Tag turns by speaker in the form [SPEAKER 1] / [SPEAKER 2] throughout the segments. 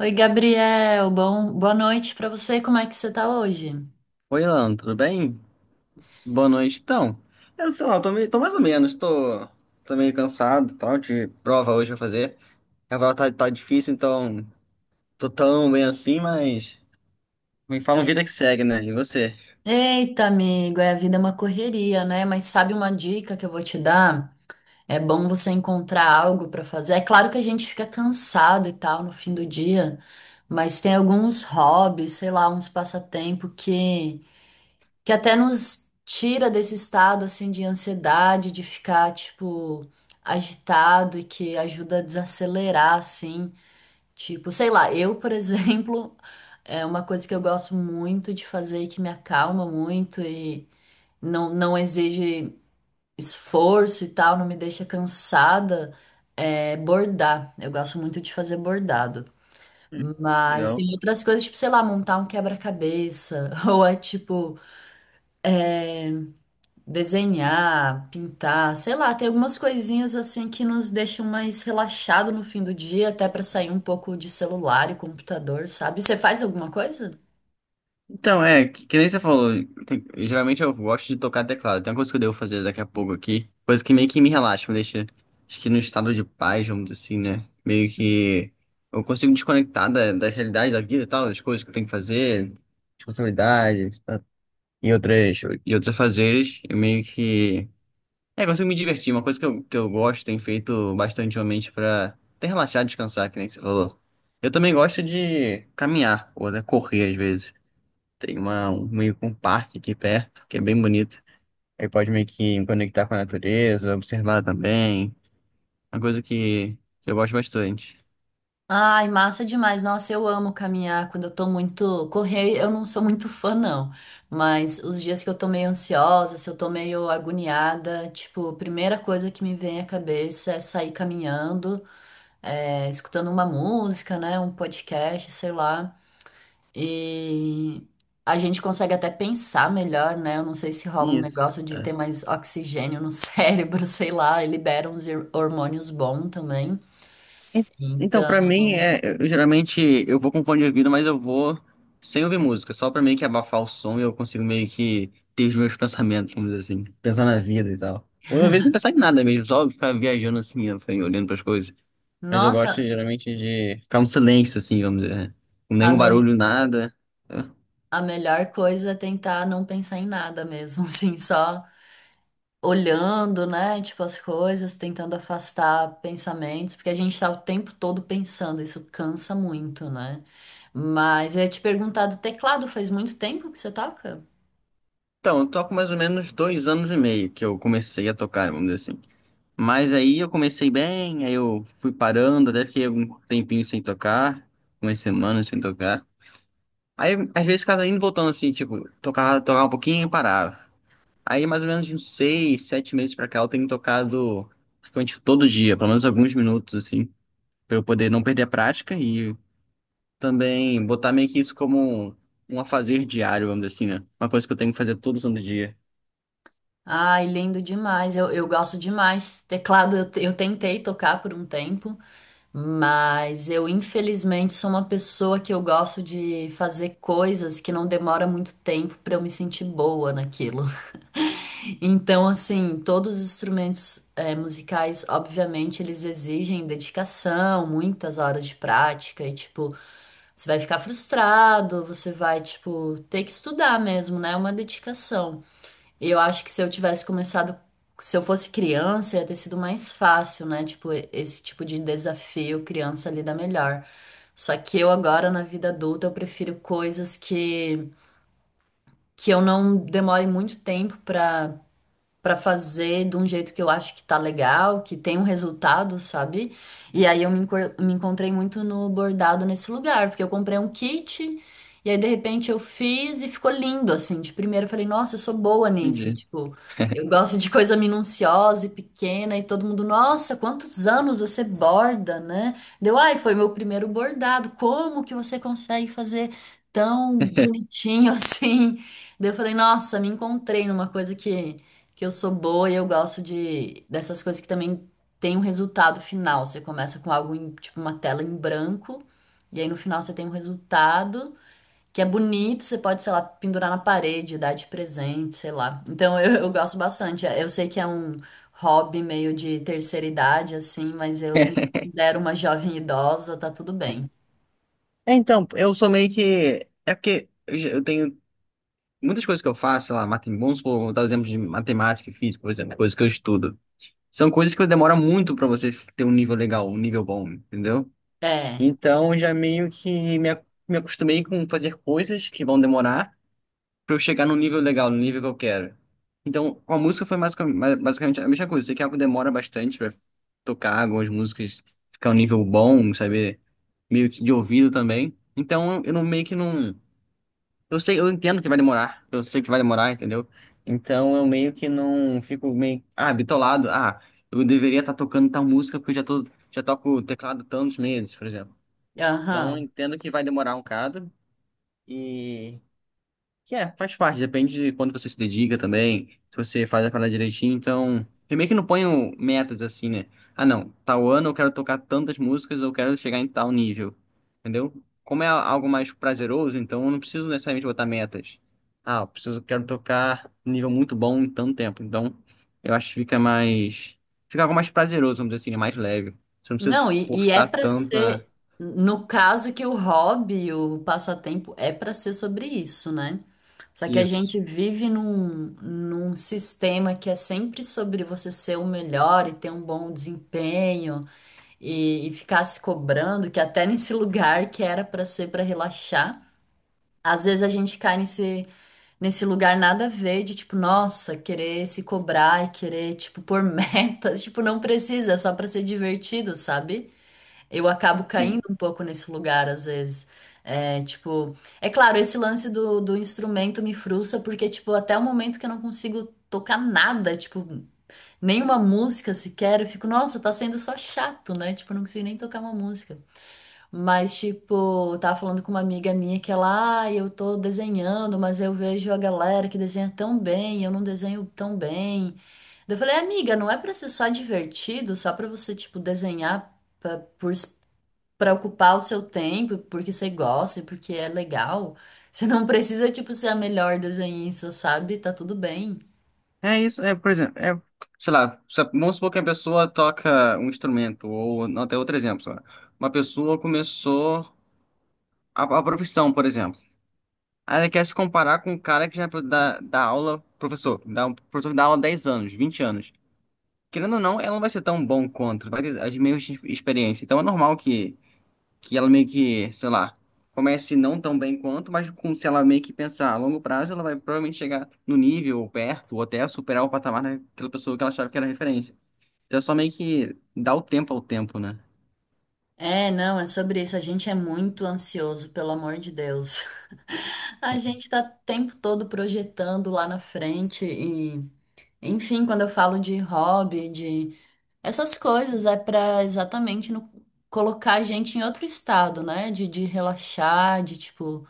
[SPEAKER 1] Oi, Gabriel. Bom, boa noite pra você. Como é que você tá hoje?
[SPEAKER 2] Oi, Alan, tudo bem? Boa noite. Então, eu sei lá, tô, meio, tô mais ou menos, tô, tô meio cansado, e tal, de prova hoje pra fazer. A prova tá difícil, então tô tão bem assim, mas me fala uma
[SPEAKER 1] E-
[SPEAKER 2] vida que segue, né? E você?
[SPEAKER 1] Eita, amigo, é, a vida é uma correria, né? Mas sabe uma dica que eu vou te dar? É bom você encontrar algo pra fazer. É claro que a gente fica cansado e tal no fim do dia, mas tem alguns hobbies, sei lá, uns passatempo que até nos tira desse estado assim de ansiedade, de ficar tipo agitado e que ajuda a desacelerar assim. Tipo, sei lá, eu, por exemplo, é uma coisa que eu gosto muito de fazer e que me acalma muito e não exige esforço e tal, não me deixa cansada, é bordar. Eu gosto muito de fazer bordado. Mas
[SPEAKER 2] Legal.
[SPEAKER 1] tem outras coisas, tipo, sei lá, montar um quebra-cabeça, ou é tipo desenhar, pintar, sei lá, tem algumas coisinhas assim que nos deixam mais relaxado no fim do dia, até pra sair um pouco de celular e computador, sabe? Você faz alguma coisa?
[SPEAKER 2] Então, é, que nem você falou, geralmente eu gosto de tocar teclado. Tem uma coisa que eu devo fazer daqui a pouco aqui, coisa que meio que me relaxa, me deixa, acho que num estado de paz, vamos dizer assim, né? Meio que eu consigo desconectar da realidade da vida e tal, das coisas que eu tenho que fazer, responsabilidades, tá? E outros afazeres, eu meio que, consigo me divertir. Uma coisa que eu gosto, tenho feito bastante ultimamente pra até relaxar, descansar, que nem você falou. Eu também gosto de caminhar, ou até correr às vezes. Tem meio que um parque aqui perto, que é bem bonito. Aí pode meio que me conectar com a natureza, observar também. Uma coisa que eu gosto bastante.
[SPEAKER 1] Ai, massa demais. Nossa, eu amo caminhar quando eu tô muito. Correr, eu não sou muito fã, não. Mas os dias que eu tô meio ansiosa, se eu tô meio agoniada, tipo, a primeira coisa que me vem à cabeça é sair caminhando, é, escutando uma música, né? Um podcast, sei lá. E a gente consegue até pensar melhor, né? Eu não sei se rola um
[SPEAKER 2] Isso.
[SPEAKER 1] negócio de
[SPEAKER 2] É.
[SPEAKER 1] ter mais oxigênio no cérebro, sei lá, e libera uns hormônios bons também.
[SPEAKER 2] E- Então, pra mim,
[SPEAKER 1] Então.
[SPEAKER 2] geralmente eu vou com fone de ouvido, mas eu vou sem ouvir música, só pra meio que abafar o som e eu consigo meio que ter os meus pensamentos, vamos dizer assim, pensar na vida e tal. Ou às vezes não pensar em nada mesmo, só ficar viajando assim, ó, olhando pras coisas. Mas eu gosto
[SPEAKER 1] Nossa,
[SPEAKER 2] geralmente de ficar um silêncio, assim, vamos dizer. Com
[SPEAKER 1] A,
[SPEAKER 2] nenhum
[SPEAKER 1] mel-
[SPEAKER 2] barulho, nada.
[SPEAKER 1] a melhor coisa é tentar não pensar em nada mesmo, assim, só olhando, né, tipo, as coisas, tentando afastar pensamentos, porque a gente tá o tempo todo pensando, isso cansa muito, né? Mas eu ia te perguntar do teclado, faz muito tempo que você toca?
[SPEAKER 2] Então, eu toco mais ou menos 2 anos e meio que eu comecei a tocar, vamos dizer assim. Mas aí eu comecei bem, aí eu fui parando, até fiquei algum tempinho sem tocar, umas semanas sem tocar. Aí, às vezes, ficava indo e voltando assim, tipo, tocava um pouquinho e parava. Aí, mais ou menos de uns 6, 7 meses pra cá, eu tenho tocado praticamente todo dia, pelo menos alguns minutos, assim, pra eu poder não perder a prática e também botar meio que isso como um afazer diário, vamos dizer assim, né? Uma coisa que eu tenho que fazer todo santo dia.
[SPEAKER 1] Ai, lindo demais, eu gosto demais. Teclado eu tentei tocar por um tempo, mas eu, infelizmente, sou uma pessoa que eu gosto de fazer coisas que não demora muito tempo para eu me sentir boa naquilo. Então, assim, todos os instrumentos musicais, obviamente, eles exigem dedicação, muitas horas de prática e, tipo, você vai ficar frustrado, você vai, tipo, ter que estudar mesmo, né? É uma dedicação. E eu acho que se eu fosse criança, ia ter sido mais fácil, né? Tipo, esse tipo de desafio, criança lida melhor. Só que eu agora na vida adulta eu prefiro coisas que eu não demore muito tempo pra para fazer de um jeito que eu acho que tá legal, que tem um resultado, sabe? E aí me encontrei muito no bordado nesse lugar, porque eu comprei um kit e aí de repente eu fiz e ficou lindo assim. De primeiro eu falei, nossa, eu sou boa nisso,
[SPEAKER 2] Entendi.
[SPEAKER 1] tipo, eu gosto de coisa minuciosa e pequena e todo mundo, nossa, quantos anos você borda, né? Deu, ai, foi meu primeiro bordado. Como que você consegue fazer tão bonitinho assim? Daí eu falei, nossa, me encontrei numa coisa que eu sou boa e eu gosto de dessas coisas que também tem um resultado final. Você começa com algo em, tipo uma tela em branco e aí no final você tem um resultado que é bonito, você pode, sei lá, pendurar na parede, dar de presente, sei lá. Então eu gosto bastante. Eu sei que é um hobby meio de terceira idade assim, mas eu me considero uma jovem idosa, tá tudo bem.
[SPEAKER 2] É, então, eu sou meio que. É porque eu tenho muitas coisas que eu faço, sei lá, vamos supor, vou dar o exemplo de matemática e física, por exemplo, coisas que eu estudo. São coisas que demora muito pra você ter um nível legal, um nível bom, entendeu?
[SPEAKER 1] É.
[SPEAKER 2] Então, eu já meio que me acostumei com fazer coisas que vão demorar. Pra eu chegar num nível legal, no nível que eu quero. Então, com a música foi basicamente a mesma coisa. Sei que algo demora bastante pra tocar algumas músicas, ficar um nível bom, saber meio que de ouvido também. Então, eu não meio que não. Eu sei, eu entendo que vai demorar. Eu sei que vai demorar, entendeu? Então, eu meio que não fico meio, ah, bitolado. Ah, eu deveria estar tocando tal música porque já toco teclado tantos meses, por exemplo. Então, eu
[SPEAKER 1] Aham.
[SPEAKER 2] entendo que vai demorar um bocado. E que é, faz parte, depende de quando você se dedica também, se você faz a parada direitinho, então. Eu meio que não ponho metas assim, né? Ah, não, tal ano eu quero tocar tantas músicas, eu quero chegar em tal nível. Entendeu? Como é algo mais prazeroso, então eu não preciso necessariamente botar metas. Ah, eu preciso, quero tocar nível muito bom em tanto tempo. Então, eu acho que fica mais. Fica algo mais prazeroso, vamos dizer assim, né? Mais leve. Você não precisa
[SPEAKER 1] Não,
[SPEAKER 2] se
[SPEAKER 1] e é
[SPEAKER 2] forçar
[SPEAKER 1] pra
[SPEAKER 2] tanto a
[SPEAKER 1] ser, no caso que o hobby, o passatempo, é pra ser sobre isso, né? Só que a
[SPEAKER 2] isso.
[SPEAKER 1] gente vive num sistema que é sempre sobre você ser o melhor e ter um bom desempenho e ficar se cobrando, que até nesse lugar que era pra ser pra relaxar, às vezes a gente cai nesse lugar nada a ver de tipo, nossa, querer se cobrar e querer, tipo, pôr metas, tipo, não precisa, é só pra ser divertido, sabe? Eu acabo caindo um pouco nesse lugar, às vezes. É, tipo, é claro, esse lance do instrumento me frustra, porque, tipo, até o momento que eu não consigo tocar nada, tipo, nenhuma música sequer, eu fico, nossa, tá sendo só chato, né? Tipo, eu não consigo nem tocar uma música. Mas, tipo, eu tava falando com uma amiga minha que ela, ah, eu tô desenhando, mas eu vejo a galera que desenha tão bem, eu não desenho tão bem. Daí eu falei, amiga, não é pra ser só divertido, só pra você, tipo, desenhar pra- por para ocupar o seu tempo, porque você gosta e porque é legal. Você não precisa, tipo, ser a melhor desenhista, sabe? Tá tudo bem.
[SPEAKER 2] É isso, é, por exemplo, é, sei lá, vamos supor que a pessoa toca um instrumento, ou não, até outro exemplo, sei lá. Uma pessoa começou a profissão, por exemplo. Aí ela quer se comparar com um cara que já dá aula, um professor que dá aula há 10 anos, 20 anos. Querendo ou não, ela não vai ser tão bom quanto, vai ter as mesmas experiências. Então é normal que ela meio que, sei lá, comece não tão bem quanto, mas com se ela meio que pensar a longo prazo, ela vai provavelmente chegar no nível, ou perto, ou até superar o patamar daquela pessoa que ela achava que era referência. Então é só meio que dar o tempo ao tempo, né?
[SPEAKER 1] É, não, é sobre isso. A gente é muito ansioso, pelo amor de Deus. A gente tá o tempo todo projetando lá na frente e, enfim, quando eu falo de hobby, de essas coisas, é pra exatamente colocar a gente em outro estado, né? De relaxar, de, tipo,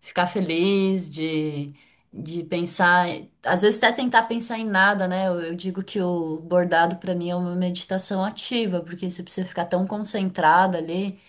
[SPEAKER 1] ficar feliz, de pensar, às vezes até tentar pensar em nada, né? Eu digo que o bordado para mim é uma meditação ativa, porque você precisa ficar tão concentrada ali,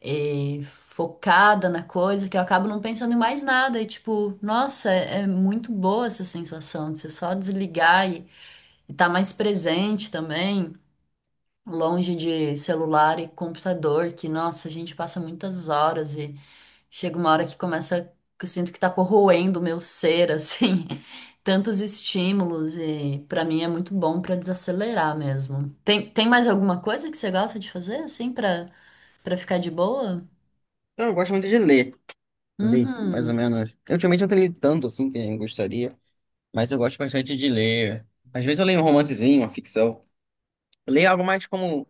[SPEAKER 1] focada na coisa, que eu acabo não pensando em mais nada. E tipo, nossa, é muito boa essa sensação de você só desligar e estar mais presente também. Longe de celular e computador, que, nossa, a gente passa muitas horas. Chega uma hora que eu sinto que tá corroendo o meu ser, assim, tantos estímulos e pra mim é muito bom pra desacelerar mesmo. Tem mais alguma coisa que você gosta de fazer, assim, pra para ficar de boa?
[SPEAKER 2] Então, eu gosto muito de ler. Ler, mais ou
[SPEAKER 1] Uhum.
[SPEAKER 2] menos. Eu, ultimamente não tenho lido tanto assim que eu gostaria, mas eu gosto bastante de ler. Às vezes eu leio um romancezinho, uma ficção. Leia algo mais como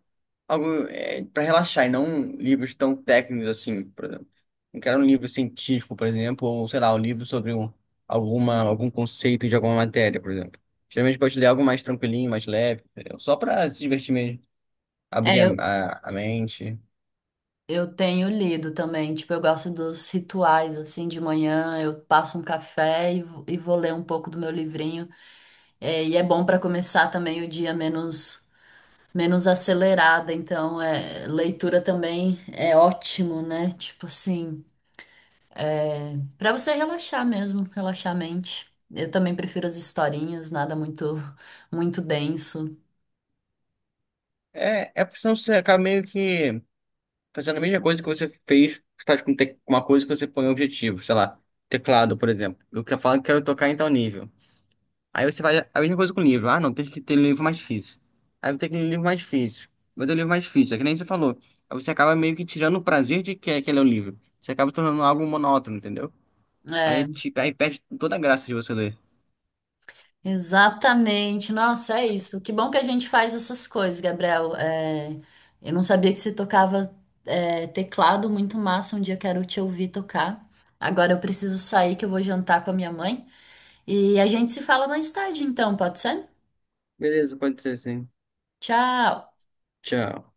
[SPEAKER 2] algo é, para relaxar e não livros tão técnicos assim, por exemplo. Não quero um livro científico, por exemplo, ou sei lá, um livro sobre um, alguma, algum conceito de alguma matéria, por exemplo. Geralmente eu gosto de ler algo mais tranquilinho, mais leve, entendeu? Só para se divertir mesmo,
[SPEAKER 1] É,
[SPEAKER 2] abrir a, a mente.
[SPEAKER 1] eu tenho lido também, tipo, eu gosto dos rituais, assim, de manhã, eu passo um café e, vou ler um pouco do meu livrinho, é, e é bom pra começar também o dia menos acelerada, então é, leitura também é ótimo, né? Tipo assim, pra você relaxar mesmo, relaxar a mente. Eu também prefiro as historinhas, nada muito denso.
[SPEAKER 2] É, é porque senão você acaba meio que fazendo a mesma coisa que você fez, você faz uma coisa que você põe um objetivo, sei lá, teclado, por exemplo. Eu falo que quero tocar em tal nível. Aí você vai a mesma coisa com o livro. Ah, não, tem que ter livro mais difícil. Aí tem que ter livro mais difícil. Mas é o livro mais difícil, é que nem você falou. Aí você acaba meio que tirando o prazer de que aquele é o livro. Você acaba tornando algo monótono, entendeu?
[SPEAKER 1] É,
[SPEAKER 2] Aí perde toda a graça de você ler.
[SPEAKER 1] exatamente. Nossa, é isso. Que bom que a gente faz essas coisas, Gabriel. É, eu não sabia que você tocava teclado, muito massa. Um dia quero te ouvir tocar. Agora eu preciso sair, que eu vou jantar com a minha mãe. E a gente se fala mais tarde, então, pode ser?
[SPEAKER 2] Beleza, pode ser sim.
[SPEAKER 1] Tchau!
[SPEAKER 2] Tchau.